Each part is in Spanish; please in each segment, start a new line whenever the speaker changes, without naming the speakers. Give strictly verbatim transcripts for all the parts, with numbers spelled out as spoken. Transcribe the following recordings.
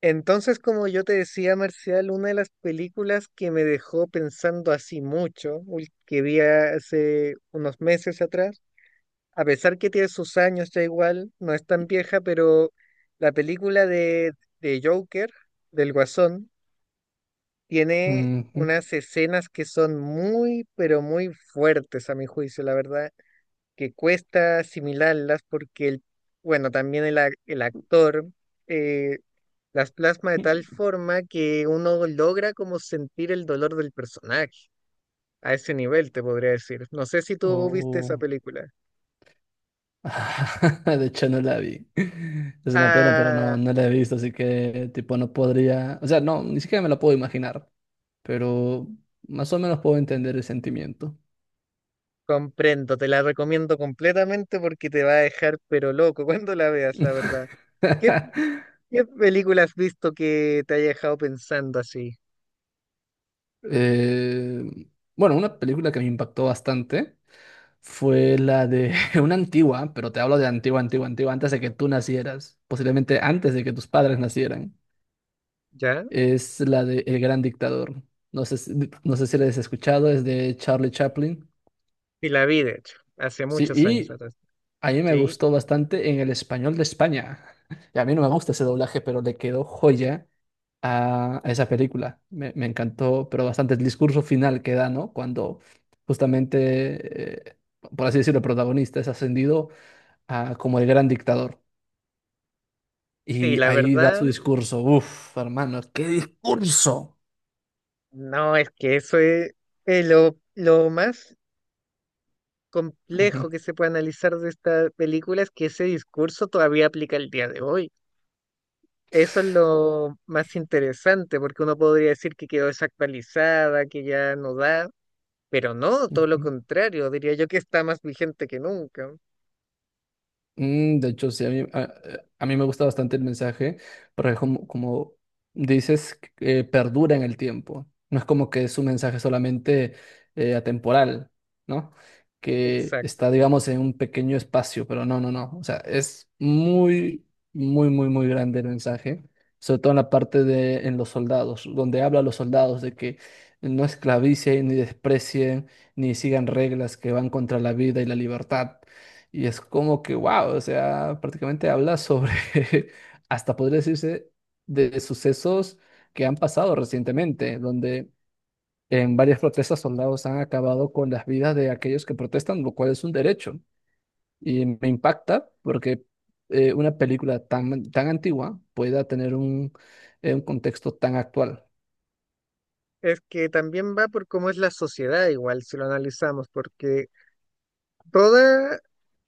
Entonces, como yo te decía, Marcial, una de las películas que me dejó pensando así mucho, ul- que vi hace unos meses atrás, a pesar que tiene sus años ya igual, no es tan vieja, pero la película de, de Joker, del Guasón, tiene
Ujú.
unas escenas que son muy, pero muy fuertes a mi juicio, la verdad, que cuesta asimilarlas porque, el, bueno, también el, ac- el actor... eh, las plasma de tal forma que uno logra como sentir el dolor del personaje. A ese nivel te podría decir. No sé si tú viste esa
Oh.
película.
De hecho, no la vi. Es una pena, pero no,
Ah,
no la he visto, así que tipo no podría, o sea, no, ni siquiera me la puedo imaginar, pero más o menos puedo entender el sentimiento.
comprendo, te la recomiendo completamente porque te va a dejar pero loco cuando la veas, la verdad. ¿Qué, ¿qué película has visto que te haya dejado pensando así?
Eh, bueno, una película que me impactó bastante fue la de una antigua, pero te hablo de antigua, antigua, antigua, antes de que tú nacieras, posiblemente antes de que tus padres nacieran.
¿Ya?
Es la de El Gran Dictador. No sé, si- no sé si la has escuchado, es de Charlie Chaplin.
Sí la vi, de hecho, hace
Sí,
muchos años
y
atrás.
a mí me
Sí,
gustó bastante en el español de España. Y a mí no me gusta ese doblaje, pero le quedó joya a, a esa película. Me, me encantó, pero bastante el discurso final que da, ¿no? Cuando justamente, eh, por así decirlo, el protagonista es ascendido a, como el Gran Dictador.
sí,
Y
la
ahí da
verdad,
su discurso. Uf, hermano, qué discurso.
no, es que eso es, es lo, lo más
Ujú,
complejo que se puede analizar de esta película es que ese discurso todavía aplica el día de hoy. Eso es lo más interesante, porque uno podría decir que quedó desactualizada, que ya no da, pero no, todo lo
ujú.
contrario, diría yo que está más vigente que nunca.
Mm, de hecho, sí, a mí, a, a mí me gusta bastante el mensaje, porque como, como dices, eh, perdura en el tiempo. No es como que es un mensaje solamente eh, atemporal, ¿no? Que
Exacto.
está, digamos, en un pequeño espacio, pero no, no, no. O sea, es muy, muy, muy, muy grande el mensaje, sobre todo en la parte de en los soldados, donde habla a los soldados de que no esclavicen, ni desprecien, ni sigan reglas que van contra la vida y la libertad y es como que, wow, o sea, prácticamente habla sobre, hasta podría decirse, de sucesos que han pasado recientemente, donde en varias protestas soldados han acabado con las vidas de aquellos que protestan, lo cual es un derecho. Y me impacta porque eh, una película tan, tan antigua pueda tener un, eh, un contexto tan actual.
Es que también va por cómo es la sociedad igual, si lo analizamos, porque toda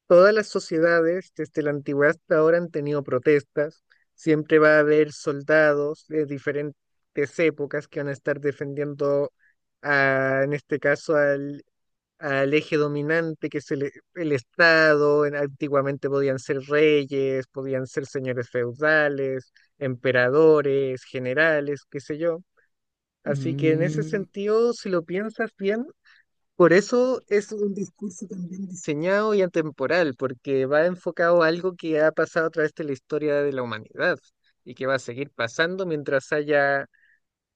todas las sociedades, desde la antigüedad hasta ahora, han tenido protestas. Siempre va a haber soldados de diferentes épocas que van a estar defendiendo, a- en este caso, al, al eje dominante, que es el, el Estado. En- Antiguamente podían ser reyes, podían ser señores feudales, emperadores, generales, qué sé yo. Así que en ese
Mm,
sentido, si lo piensas bien, por eso es un discurso también diseñado y atemporal, porque va enfocado a algo que ha pasado a través de la historia de la humanidad y que va a seguir pasando mientras haya,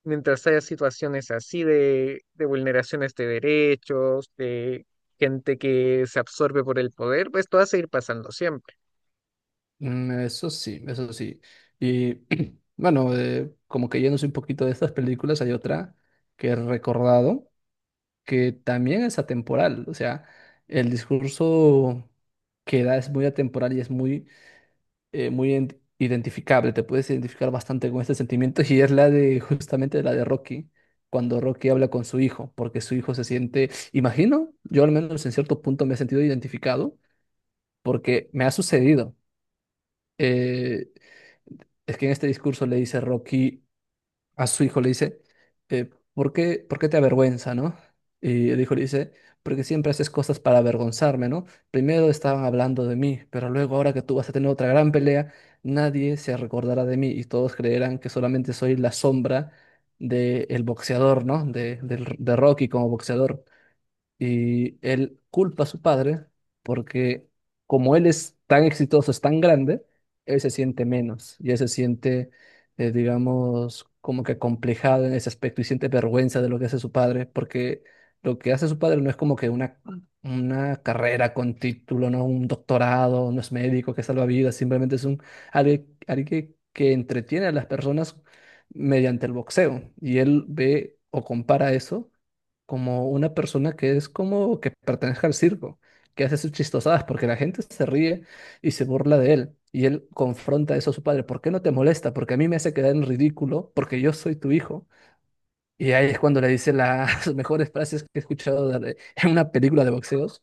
mientras haya situaciones así de, de vulneraciones de derechos, de gente que se absorbe por el poder, pues esto va a seguir pasando siempre.
Mm, Eso sí, eso sí. Y bueno, eh, como que yéndose un poquito de estas películas, hay otra que he recordado que también es atemporal. O sea, el discurso que da es muy atemporal y es muy, eh, muy ident- identificable. Te puedes identificar bastante con este sentimiento y es la de justamente la de Rocky, cuando Rocky habla con su hijo, porque su hijo se siente, imagino, yo al menos en cierto punto me he sentido identificado porque me ha sucedido. eh, es que en este discurso le dice Rocky a su hijo, le dice, eh, ¿por qué, por qué te avergüenza, no? Y el hijo le dice, porque siempre haces cosas para avergonzarme, ¿no? Primero estaban hablando de mí, pero luego ahora que tú vas a tener otra gran pelea, nadie se recordará de mí y todos creerán que solamente soy la sombra del boxeador, ¿no? De, del- de Rocky como boxeador. Y él culpa a su padre porque como él es tan exitoso, es tan grande, él se siente menos y él se siente, eh, digamos, como que complejado en ese aspecto y siente vergüenza de lo que hace su padre, porque lo que hace su padre no es como que una, una carrera con título, no un doctorado, no es médico que salva vidas, simplemente es un alguien, alguien que, que entretiene a las personas mediante el boxeo. Y él ve o compara eso como una persona que es como que pertenezca al circo, que hace sus chistosadas porque la gente se ríe y se burla de él. Y él confronta eso a su padre. ¿Por qué no te molesta? Porque a mí me hace quedar en ridículo porque yo soy tu hijo. Y ahí es cuando le dice las mejores frases que he escuchado de- en una película de boxeos,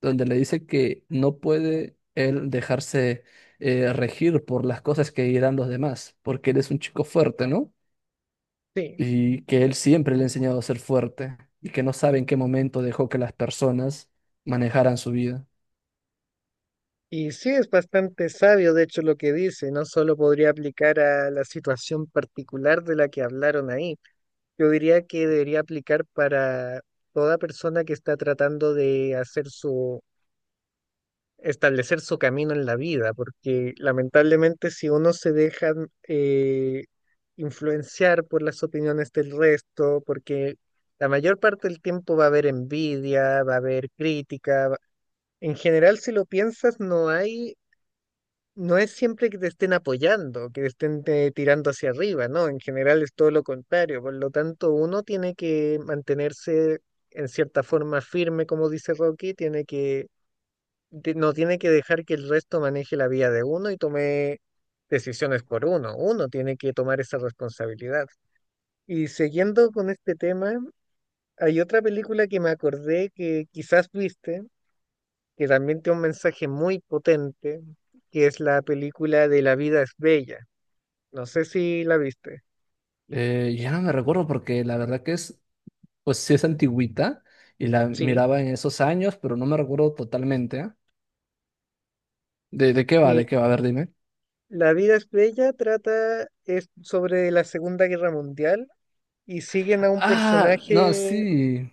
donde le dice que no puede él dejarse eh, regir por las cosas que dirán los demás, porque él es un chico fuerte, ¿no?
Sí.
Y que él siempre le ha enseñado a ser fuerte y que no sabe en qué momento dejó que las personas manejaran su vida.
Y sí, es bastante sabio, de hecho, lo que dice, no solo podría aplicar a la situación particular de la que hablaron ahí. Yo diría que debería aplicar para toda persona que está tratando de hacer su, establecer su camino en la vida, porque lamentablemente si uno se deja eh, influenciar por las opiniones del resto, porque la mayor parte del tiempo va a haber envidia, va a haber crítica, va- en general si lo piensas no hay no es siempre que te estén apoyando, que te estén eh, tirando hacia arriba, ¿no? En general es todo lo contrario. Por lo tanto, uno tiene que mantenerse en cierta forma firme, como dice Rocky, tiene que, de- no tiene que dejar que el resto maneje la vida de uno y tome decisiones por uno. Uno tiene que tomar esa responsabilidad. Y siguiendo con este tema, hay otra película que me acordé que quizás viste, que también tiene un mensaje muy potente, que es la película de La vida es bella. No sé si la viste.
Eh, ya no me recuerdo porque la verdad que es, pues sí es antigüita y la
Sí.
miraba en esos años, pero no me recuerdo totalmente, ¿eh? ¿De, de qué va?
Mi,
¿De qué va? A ver, dime.
La vida es bella trata es sobre la Segunda Guerra Mundial y siguen a un
Ah, no,
personaje,
sí,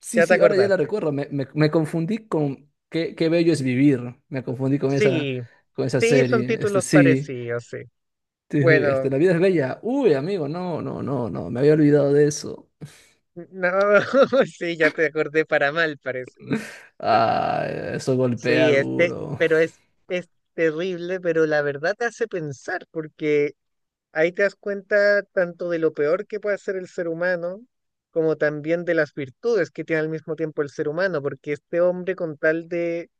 sí,
ya te
sí, ahora ya la
acordaste.
recuerdo. Me, me, me confundí con qué, qué bello es vivir. Me confundí con esa,
Sí,
con esa
sí, son
serie. Este,
títulos
sí,
parecidos, sí.
sí, sí,
Bueno,
este, la vida es bella. Uy, amigo, no, no, no, no, me había olvidado de eso.
no, sí, ya te acordé para mal, parece.
Ah, eso golpea
Sí, este,
duro.
pero es, es terrible, pero la verdad te hace pensar, porque ahí te das cuenta tanto de lo peor que puede ser el ser humano, como también de las virtudes que tiene al mismo tiempo el ser humano, porque este hombre con tal de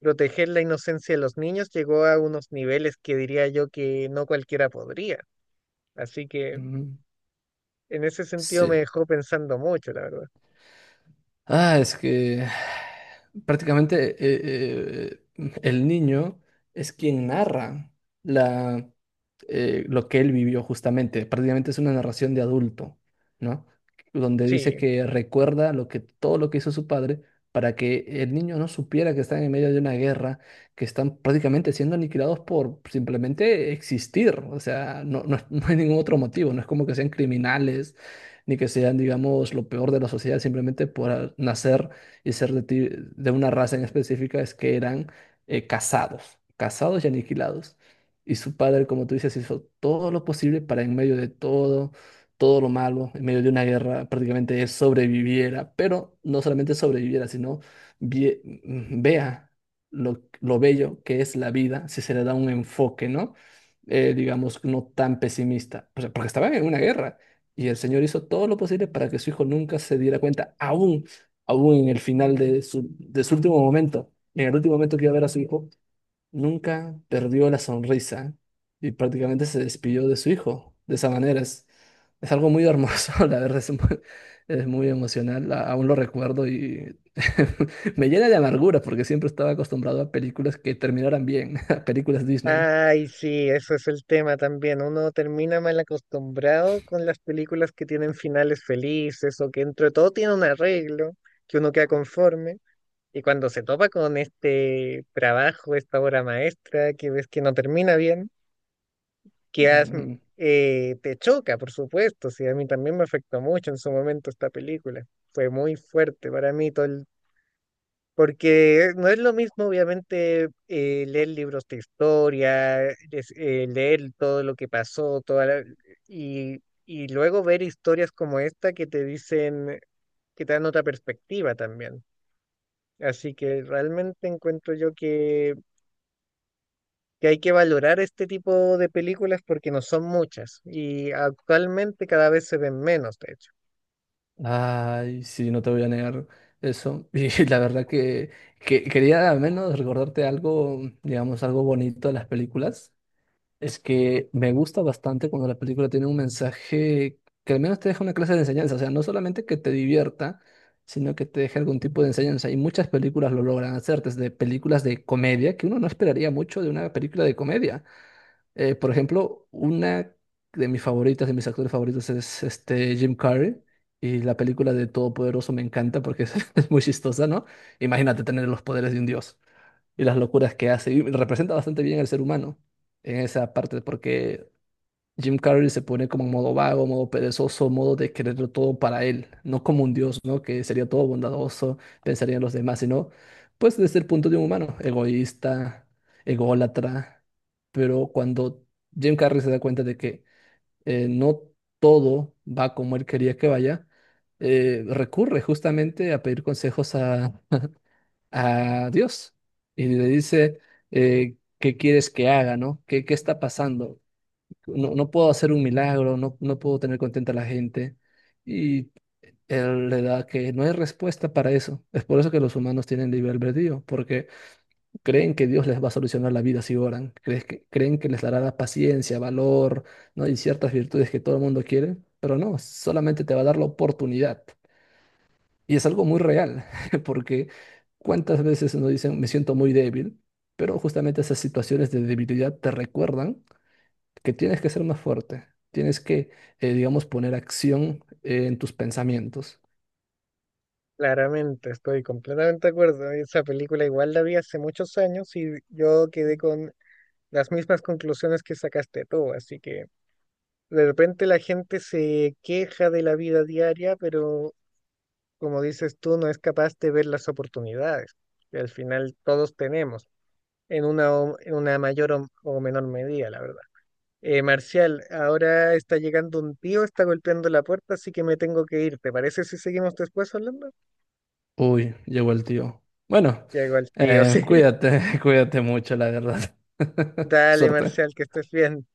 proteger la inocencia de los niños llegó a unos niveles que diría yo que no cualquiera podría. Así que
Mm.
en ese sentido me
Sí.
dejó pensando mucho, la verdad.
Ah, es que prácticamente eh, eh, el niño es quien narra la, eh, lo que él vivió justamente. Prácticamente es una narración de adulto, ¿no? Donde dice
Sí.
que recuerda lo que, todo lo que hizo su padre para que el niño no supiera que están en medio de una guerra, que están prácticamente siendo aniquilados por simplemente existir. O sea, no, no, es- no hay ningún otro motivo. No es como que sean criminales ni que sean, digamos, lo peor de la sociedad simplemente por ah, nacer y ser de, ti- de una raza en específica, es que eran eh, cazados, cazados y aniquilados. Y su padre, como tú dices, hizo todo lo posible para en medio de todo, todo lo malo, en medio de una guerra, prácticamente él sobreviviera, pero no solamente sobreviviera, sino vie- mm, vea lo, lo bello que es la vida si se le da un enfoque, ¿no? Eh, digamos, no tan pesimista, o sea, porque estaban en una guerra y el Señor hizo todo lo posible para que su hijo nunca se diera cuenta, aún, aún en el final de su, de su último momento, en el último momento que iba a ver a su hijo, nunca perdió la sonrisa y prácticamente se despidió de su hijo. De esa manera es, es algo muy hermoso, la verdad es muy, es muy emocional, a- aún lo recuerdo y me llena de amargura porque siempre estaba acostumbrado a películas que terminaran bien, a películas Disney.
Ay, sí, eso es el tema también. Uno termina mal acostumbrado con las películas que tienen finales felices o que entre todo tienen un arreglo, que uno queda conforme. Y cuando se topa con este trabajo, esta obra maestra, que ves que no termina bien, que has-
Mm.
eh, te choca, por supuesto. Sí, a mí también me afectó mucho en su momento esta película. Fue muy fuerte para mí todo el- porque no es lo mismo, obviamente, eh, leer libros de historia, es- eh, leer todo lo que pasó, toda la- y, y luego ver historias como esta que te dicen, que te dan otra perspectiva también. Así que realmente encuentro yo que que hay que valorar este tipo de películas porque no son muchas y actualmente cada vez se ven menos, de hecho.
Ay, sí, no te voy a negar eso. Y la verdad que, que quería al menos recordarte algo, digamos, algo bonito de las películas. Es que me gusta bastante cuando la película tiene un mensaje que al menos te deja una clase de enseñanza. O sea, no solamente que te divierta, sino que te deje algún tipo de enseñanza. Y muchas películas lo logran hacer, desde películas de comedia, que uno no esperaría mucho de una película de comedia. Eh, por ejemplo, una de mis favoritas, de mis actores favoritos es este Jim Carrey. Y la película de Todopoderoso me encanta porque es, es muy chistosa, ¿no? Imagínate tener los poderes de un dios y las locuras que hace. Y representa bastante bien al ser humano en esa parte porque Jim Carrey se pone como en modo vago, modo perezoso, modo de quererlo todo para él, no como un dios, ¿no? Que sería todo bondadoso, pensaría en los demás, sino, pues desde el punto de un humano, egoísta, ególatra. Pero cuando Jim Carrey se da cuenta de que eh, no todo va como él quería que vaya, eh, recurre justamente a pedir consejos a, a Dios y le dice, eh, ¿qué quieres que haga, ¿no? ¿Qué, qué está pasando? No, no puedo hacer un milagro, no, no puedo tener contenta a la gente. Y él le da que no hay respuesta para eso. Es por eso que los humanos tienen libre albedrío, porque creen que Dios les va a solucionar la vida si oran, crees que, creen que les dará la paciencia, valor, ¿no? Y ciertas virtudes que todo el mundo quiere, pero no, solamente te va a dar la oportunidad. Y es algo muy real, porque cuántas veces nos dicen, me siento muy débil, pero justamente esas situaciones de debilidad te recuerdan que tienes que ser más fuerte, tienes que, eh, digamos, poner acción eh, en tus pensamientos.
Claramente, estoy completamente de acuerdo. Esa película igual la vi hace muchos años y yo quedé con las mismas conclusiones que sacaste tú, así que de repente la gente se queja de la vida diaria, pero como dices tú, no es capaz de ver las oportunidades que al final todos tenemos en una, o- en una mayor o o menor medida, la verdad. Eh, Marcial, ahora está llegando un tío, está golpeando la puerta, así que me tengo que ir. ¿Te parece si seguimos después hablando?
Uy, llegó el tío. Bueno,
Llegó el tío, sí.
eh, cuídate, cuídate mucho, la verdad.
Dale,
Suerte.
Marcial, que estés bien.